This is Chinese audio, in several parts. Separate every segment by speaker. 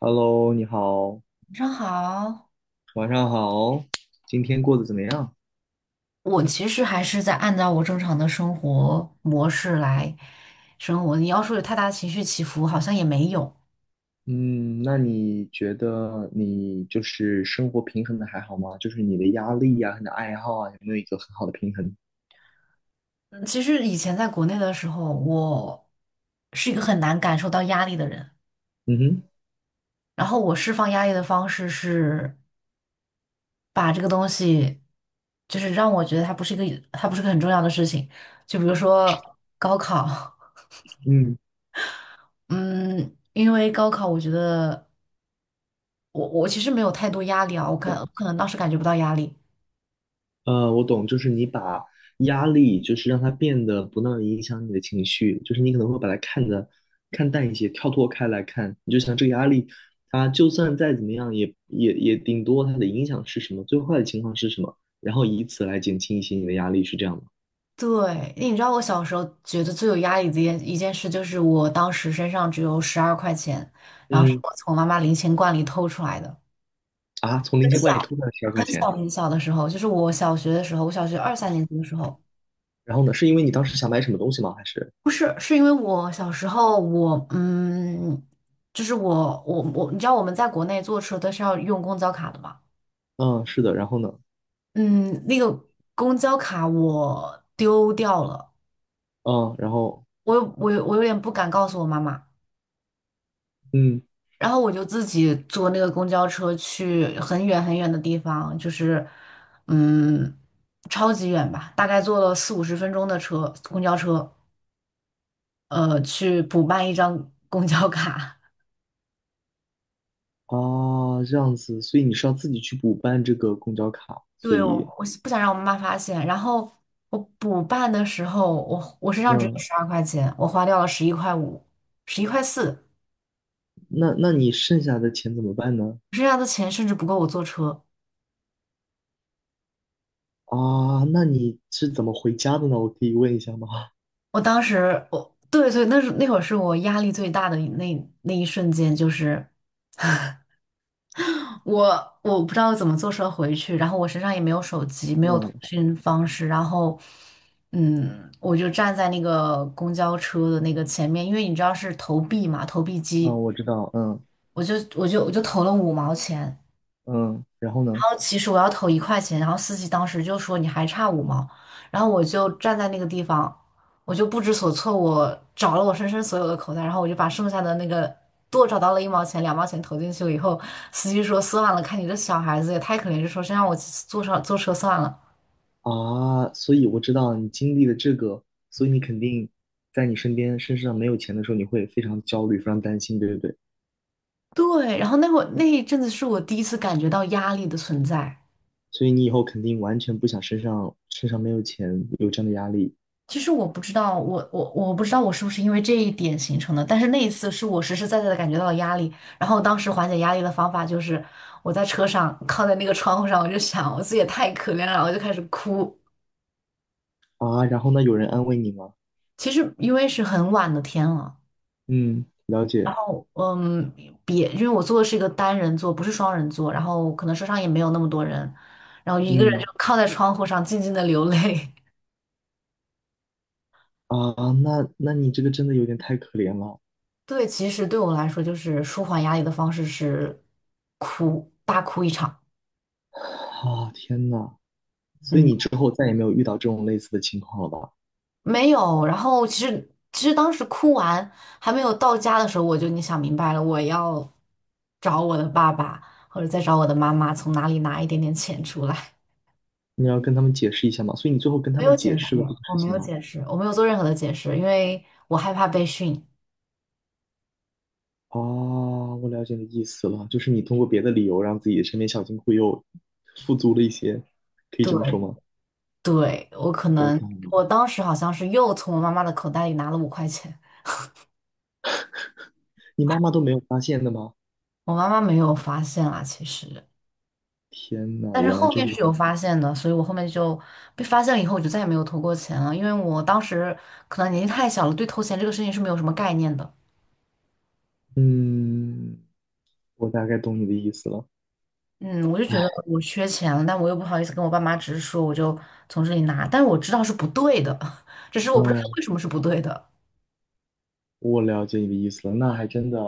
Speaker 1: Hello，你好，
Speaker 2: 晚上好，
Speaker 1: 晚上好，今天过得怎么样？
Speaker 2: 我其实还是在按照我正常的生活模式来生活。你要说有太大的情绪起伏，好像也没有。
Speaker 1: 嗯，那你觉得你就是生活平衡的还好吗？就是你的压力呀、你的爱好啊，有没有一个很好的平衡？
Speaker 2: 嗯，其实以前在国内的时候，我是一个很难感受到压力的人。
Speaker 1: 嗯哼，
Speaker 2: 然后我释放压力的方式是把这个东西，就是让我觉得它不是个很重要的事情。就比如说高考，
Speaker 1: 嗯。
Speaker 2: 嗯，因为高考，我觉得我其实没有太多压力啊，我可能当时感觉不到压力。
Speaker 1: 我懂，就是你把压力，就是让它变得不那么影响你的情绪，就是你可能会把它看得看淡一些，跳脱开来看，你就想这个压力，它就算再怎么样也，顶多它的影响是什么，最坏的情况是什么，然后以此来减轻一些你的压力，是这样吗？
Speaker 2: 对，你知道我小时候觉得最有压力的一件事，就是我当时身上只有十二块钱，然后是
Speaker 1: 嗯，
Speaker 2: 我从妈妈零钱罐里偷出来的。
Speaker 1: 啊，从零
Speaker 2: 很
Speaker 1: 钱
Speaker 2: 小，
Speaker 1: 罐里偷出来十二块
Speaker 2: 很
Speaker 1: 钱，
Speaker 2: 小很小的时候，就是我小学的时候，我小学二三年级的时候，
Speaker 1: 然后呢，是因为你当时想买什么东西吗？还是？
Speaker 2: 不是，是因为我小时候我就是我你知道我们在国内坐车都是要用公交卡的嘛。
Speaker 1: 嗯，是的，然后呢？
Speaker 2: 嗯，那个公交卡我丢掉了，
Speaker 1: 嗯，然后
Speaker 2: 我有点不敢告诉我妈妈。
Speaker 1: 嗯
Speaker 2: 然后我就自己坐那个公交车去很远很远的地方，就是嗯，超级远吧，大概坐了四五十分钟的车，公交车，去补办一张 公交卡。
Speaker 1: 啊，这样子，所以你是要自己去补办这个公交卡，所
Speaker 2: 对，我
Speaker 1: 以。
Speaker 2: 我不想让我妈妈发现。然后我补办的时候，我身上只有
Speaker 1: 嗯，
Speaker 2: 十二块钱，我花掉了11块5，11块4，
Speaker 1: 那你剩下的钱怎么办呢？
Speaker 2: 剩下的钱甚至不够我坐车。
Speaker 1: 啊，那你是怎么回家的呢？我可以问一下吗？
Speaker 2: 我当时我对，对，那是那会儿是我压力最大的那一瞬间，就是我不知道怎么坐车回去，然后我身上也没有手机，没有通
Speaker 1: 嗯
Speaker 2: 讯方式，然后，我就站在那个公交车的那个前面，因为你知道是投币嘛，投币机，
Speaker 1: 嗯，我知道，嗯
Speaker 2: 我就投了5毛钱，
Speaker 1: 嗯，然后
Speaker 2: 然
Speaker 1: 呢？
Speaker 2: 后其实我要投1块钱，然后司机当时就说你还差五毛，然后我就站在那个地方，我就不知所措，我找了我身上所有的口袋，然后我就把剩下的那个多找到了1毛钱、2毛钱投进去了以后，司机说算了，看你这小孩子也太可怜，就说先让我坐车算了。
Speaker 1: 啊，所以我知道你经历了这个，所以你肯定在你身边身上没有钱的时候，你会非常焦虑，非常担心，对不对？
Speaker 2: 对，然后那一阵子是我第一次感觉到压力的存在。
Speaker 1: 所以你以后肯定完全不想身上没有钱有这样的压力
Speaker 2: 其实我不知道，我不知道我是不是因为这一点形成的，但是那一次是我实实在在的感觉到了压力，然后当时缓解压力的方法就是我在车上靠在那个窗户上，我就想我自己也太可怜了，我就开始哭。
Speaker 1: 啊。然后呢，有人安慰你吗？
Speaker 2: 其实因为是很晚的天了，
Speaker 1: 嗯，了解，
Speaker 2: 嗯，别，因为我坐的是一个单人座，不是双人座，然后可能车上也没有那么多人，然后一个人就
Speaker 1: 嗯
Speaker 2: 靠在窗户上静静的流泪。
Speaker 1: 啊，那你这个真的有点太可怜了。
Speaker 2: 对，其实对我来说，就是舒缓压力的方式是哭，大哭一场。
Speaker 1: 啊，天呐，所以
Speaker 2: 嗯。
Speaker 1: 你之后再也没有遇到这种类似的情况了吧？
Speaker 2: 没有，然后其实当时哭完还没有到家的时候，我就已经想明白了，我要找我的爸爸或者再找我的妈妈，从哪里拿一点点钱出来。
Speaker 1: 你要跟他们解释一下吗？所以你最后跟 他
Speaker 2: 没
Speaker 1: 们
Speaker 2: 有解
Speaker 1: 解
Speaker 2: 释，
Speaker 1: 释了这个
Speaker 2: 我
Speaker 1: 事
Speaker 2: 没
Speaker 1: 情
Speaker 2: 有
Speaker 1: 吗？
Speaker 2: 解释，我没有做任何的解释，因为我害怕被训。
Speaker 1: 啊，我了解你的意思了，就是你通过别的理由让自己的身边小金库又富足了一些，可以这么说
Speaker 2: 对，
Speaker 1: 吗？
Speaker 2: 对，我可
Speaker 1: 我
Speaker 2: 能
Speaker 1: 懂了，
Speaker 2: 我当时好像是又从我妈妈的口袋里拿了5块钱，
Speaker 1: 你妈妈都没有发现的吗？
Speaker 2: 我妈妈没有发现啊，其实。
Speaker 1: 天呐，
Speaker 2: 但是
Speaker 1: 原来
Speaker 2: 后
Speaker 1: 这
Speaker 2: 面
Speaker 1: 个，
Speaker 2: 是有发现的，所以我后面就被发现了以后，我就再也没有偷过钱了，因为我当时可能年纪太小了，对偷钱这个事情是没有什么概念的。
Speaker 1: 嗯，我大概懂你的意思了。
Speaker 2: 嗯，我就觉得我缺钱了，但我又不好意思跟我爸妈直说，我就从这里拿，但是我知道是不对的，只是我不知道
Speaker 1: 嗯，
Speaker 2: 为什么是不对的。
Speaker 1: 我了解你的意思了，那还真的，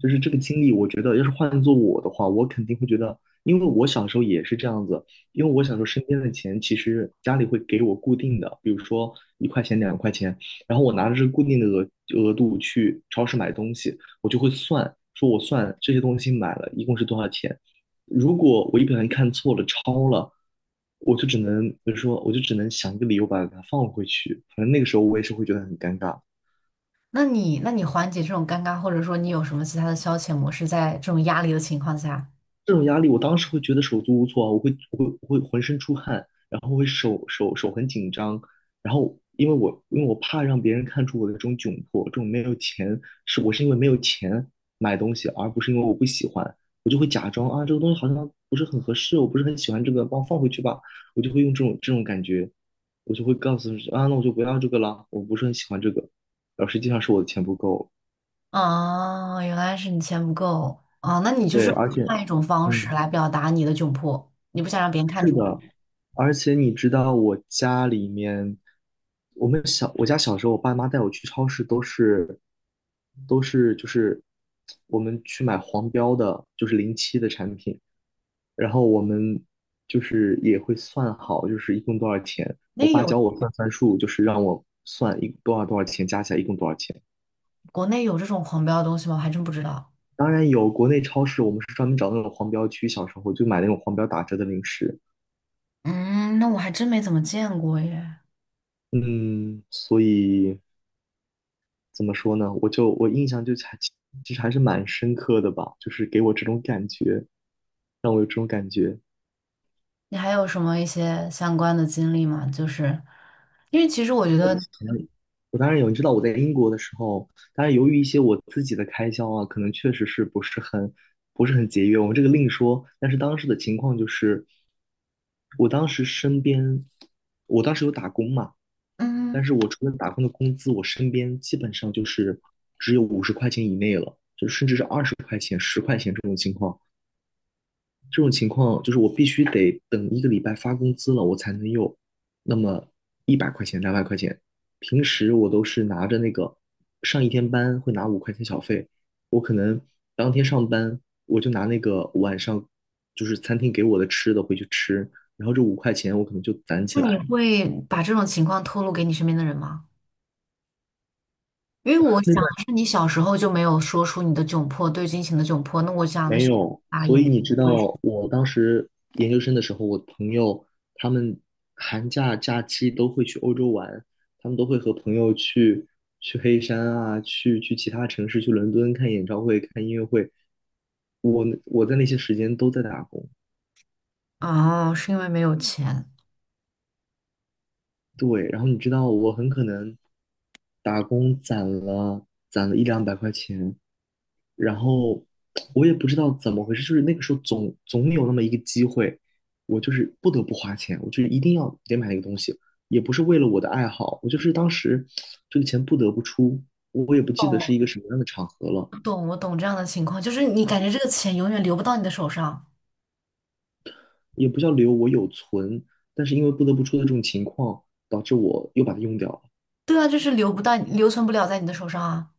Speaker 1: 就是这个经历，我觉得要是换做我的话，我肯定会觉得，因为我小时候也是这样子，因为我小时候身边的钱其实家里会给我固定的，比如说1块钱、2块钱，然后我拿着这个固定的额度去超市买东西，我就会算，说我算这些东西买了一共是多少钱，如果我一不小心看错了、超了。我就只能，比如说，我就只能想一个理由把它放回去。反正那个时候我也是会觉得很尴尬。
Speaker 2: 那你缓解这种尴尬，或者说你有什么其他的消遣模式，在这种压力的情况下？
Speaker 1: 这种压力，我当时会觉得手足无措啊我会浑身出汗，然后会手很紧张，然后因为我怕让别人看出我的这种窘迫，这种没有钱，是我是因为没有钱买东西，而不是因为我不喜欢，我就会假装啊这个东西好像不是很合适，我不是很喜欢这个，帮我放回去吧，我就会用这种感觉，我就会告诉自己啊那我就不要这个了，我不是很喜欢这个，然后实际上是我的钱不够，
Speaker 2: 啊，原来是你钱不够啊，那你就
Speaker 1: 对，
Speaker 2: 是
Speaker 1: 而且。
Speaker 2: 换一种方式
Speaker 1: 嗯。
Speaker 2: 来表达你的窘迫，你不想让别人看
Speaker 1: 是
Speaker 2: 出来。
Speaker 1: 的，而且你知道，我家里面，我们小，我家小时候，我爸妈带我去超市都是，就是我们去买黄标的，就是零七的产品，然后我们就是也会算好，就是一共多少钱。
Speaker 2: 那
Speaker 1: 我爸
Speaker 2: 有
Speaker 1: 教我算算数，就是让我算一多少多少钱，加起来一共多少钱。
Speaker 2: 国内有这种狂飙的东西吗？我还真不知道。
Speaker 1: 当然有国内超市，我们是专门找那种黄标区，小时候就买那种黄标打折的零食。
Speaker 2: 嗯，那我还真没怎么见过耶。
Speaker 1: 嗯，所以怎么说呢？我印象其实还是蛮深刻的吧，就是给我这种感觉，让我有这种感觉。
Speaker 2: 你还有什么一些相关的经历吗？就是因为其实我觉
Speaker 1: 我以
Speaker 2: 得，
Speaker 1: 前我当然有，你知道我在英国的时候，当然由于一些我自己的开销啊，可能确实是不是很节约，我们这个另说。但是当时的情况就是，我当时身边，我当时有打工嘛，但
Speaker 2: 嗯，
Speaker 1: 是我除了打工的工资，我身边基本上就是只有50块钱以内了，就甚至是20块钱、十块钱这种情况。这种情况就是我必须得等一个礼拜发工资了，我才能有那么100块钱、两百块钱。平时我都是拿着那个上一天班会拿五块钱小费，我可能当天上班我就拿那个晚上就是餐厅给我的吃的回去吃，然后这五块钱我可能就攒起
Speaker 2: 那你
Speaker 1: 来。
Speaker 2: 会把这种情况透露给你身边的人吗？因为我
Speaker 1: 那
Speaker 2: 想的是你小时候就没有说出你的窘迫，对金钱的窘迫。那我想的
Speaker 1: 没
Speaker 2: 是
Speaker 1: 有，
Speaker 2: 啊，也
Speaker 1: 所
Speaker 2: 没
Speaker 1: 以你
Speaker 2: 有
Speaker 1: 知
Speaker 2: 会
Speaker 1: 道，我当时研究生的时候，我朋友他们寒假假期都会去欧洲玩，他们都会和朋友去黑山啊，去其他城市，去伦敦看演唱会、看音乐会。我在那些时间都在打工，
Speaker 2: 哦，是因为没有钱。
Speaker 1: 对，然后你知道，我很可能打工攒了一两百块钱，然后我也不知道怎么回事，就是那个时候总有那么一个机会，我就是不得不花钱，我就是一定要得买那个东西，也不是为了我的爱好，我就是当时这个钱不得不出，我也不记得是一个
Speaker 2: 懂，
Speaker 1: 什么样的场合了，
Speaker 2: 我懂，我懂这样的情况，就是你感觉这个钱永远流不到你的手上。
Speaker 1: 也不叫留，我有存，但是因为不得不出的这种情况，导致我又把它用掉了，
Speaker 2: 对啊，就是流不到，留存不了在你的手上啊。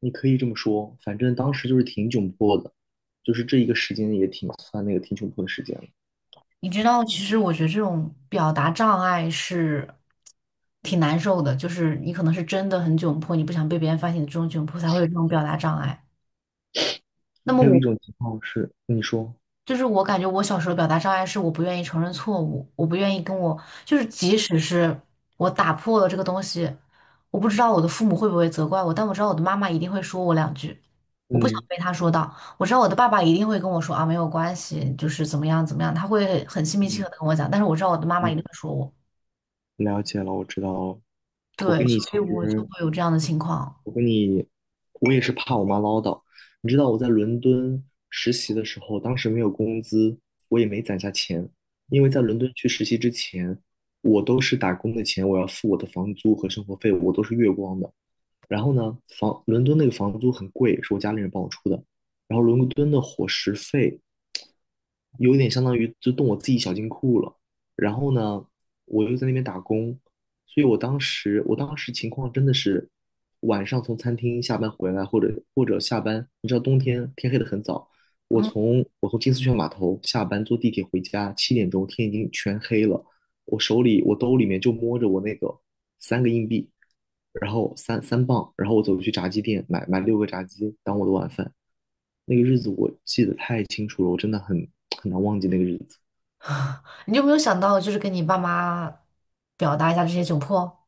Speaker 1: 你可以这么说，反正当时就是挺窘迫的，就是这一个时间也挺算那个挺窘迫的时间了。
Speaker 2: 你知道，其实我觉得这种表达障碍是挺难受的，就是你可能是真的很窘迫，你不想被别人发现你这种窘迫，才会有这种表达障碍。那么
Speaker 1: 还有一
Speaker 2: 我
Speaker 1: 种情况是，你说，
Speaker 2: 就是我感觉我小时候表达障碍是我不愿意承认错误，我不愿意跟我就是即使是我打破了这个东西，我不知道我的父母会不会责怪我，但我知道我的妈妈一定会说我两句，我不想
Speaker 1: 嗯
Speaker 2: 被她说到。我知道我的爸爸一定会跟我说啊，没有关系，就是怎么样怎么样，他会很心平气和
Speaker 1: 嗯
Speaker 2: 的跟我讲，但是我知道我的妈妈一定
Speaker 1: 嗯。
Speaker 2: 会说我。
Speaker 1: 了解了，我知道了。我
Speaker 2: 对，
Speaker 1: 跟你其
Speaker 2: 所以我就
Speaker 1: 实，
Speaker 2: 会有这样的情况。
Speaker 1: 我跟你，我也是怕我妈唠叨。你知道我在伦敦实习的时候，当时没有工资，我也没攒下钱，因为在伦敦去实习之前，我都是打工的钱，我要付我的房租和生活费，我都是月光的。然后呢，伦敦那个房租很贵，是我家里人帮我出的。然后伦敦的伙食费有点相当于就动我自己小金库了。然后呢，我又在那边打工，所以我当时情况真的是晚上从餐厅下班回来，或者下班，你知道冬天天黑的很早，我
Speaker 2: 嗯，
Speaker 1: 从我从金丝雀码头下班坐地铁回家，7点钟天已经全黑了，我手里我兜里面就摸着我那个三个硬币，然后三磅，然后我走去炸鸡店买六个炸鸡当我的晚饭。那个日子我记得太清楚了，我真的很难忘记那个日子。
Speaker 2: 你有没有想到，就是跟你爸妈表达一下这些窘迫？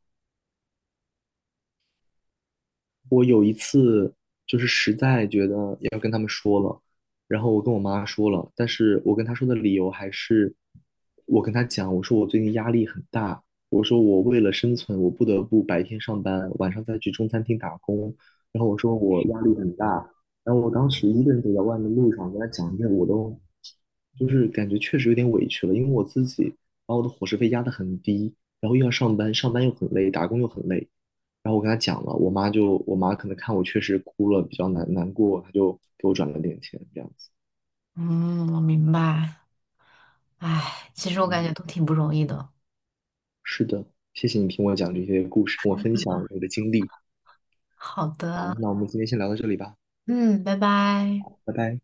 Speaker 1: 然后我跟我妈说了，但是我跟她说的理由还是，我跟她讲，我说我最近压力很大，我说我为了生存，我不得不白天上班，晚上再去中餐厅打工，然后我说我压力很大，然后我当时一个人走在外面路上，跟她讲这个，我都就是感觉确实有点委屈了，因为我自己把我的伙食费压得很低，然后又要上班，上班又很累，打工又很累。然后我跟她讲了，我妈可能看我确实哭了，比较难过，她就给我转了点钱，这样子。
Speaker 2: 嗯，我明白。唉，其实我感
Speaker 1: 嗯，
Speaker 2: 觉都挺不容易的。
Speaker 1: 是的，谢谢你听我讲这些故事，跟我分享你的经历。
Speaker 2: 好的，
Speaker 1: 好，那我们今天先聊到这里吧，
Speaker 2: 嗯，拜拜。
Speaker 1: 拜拜。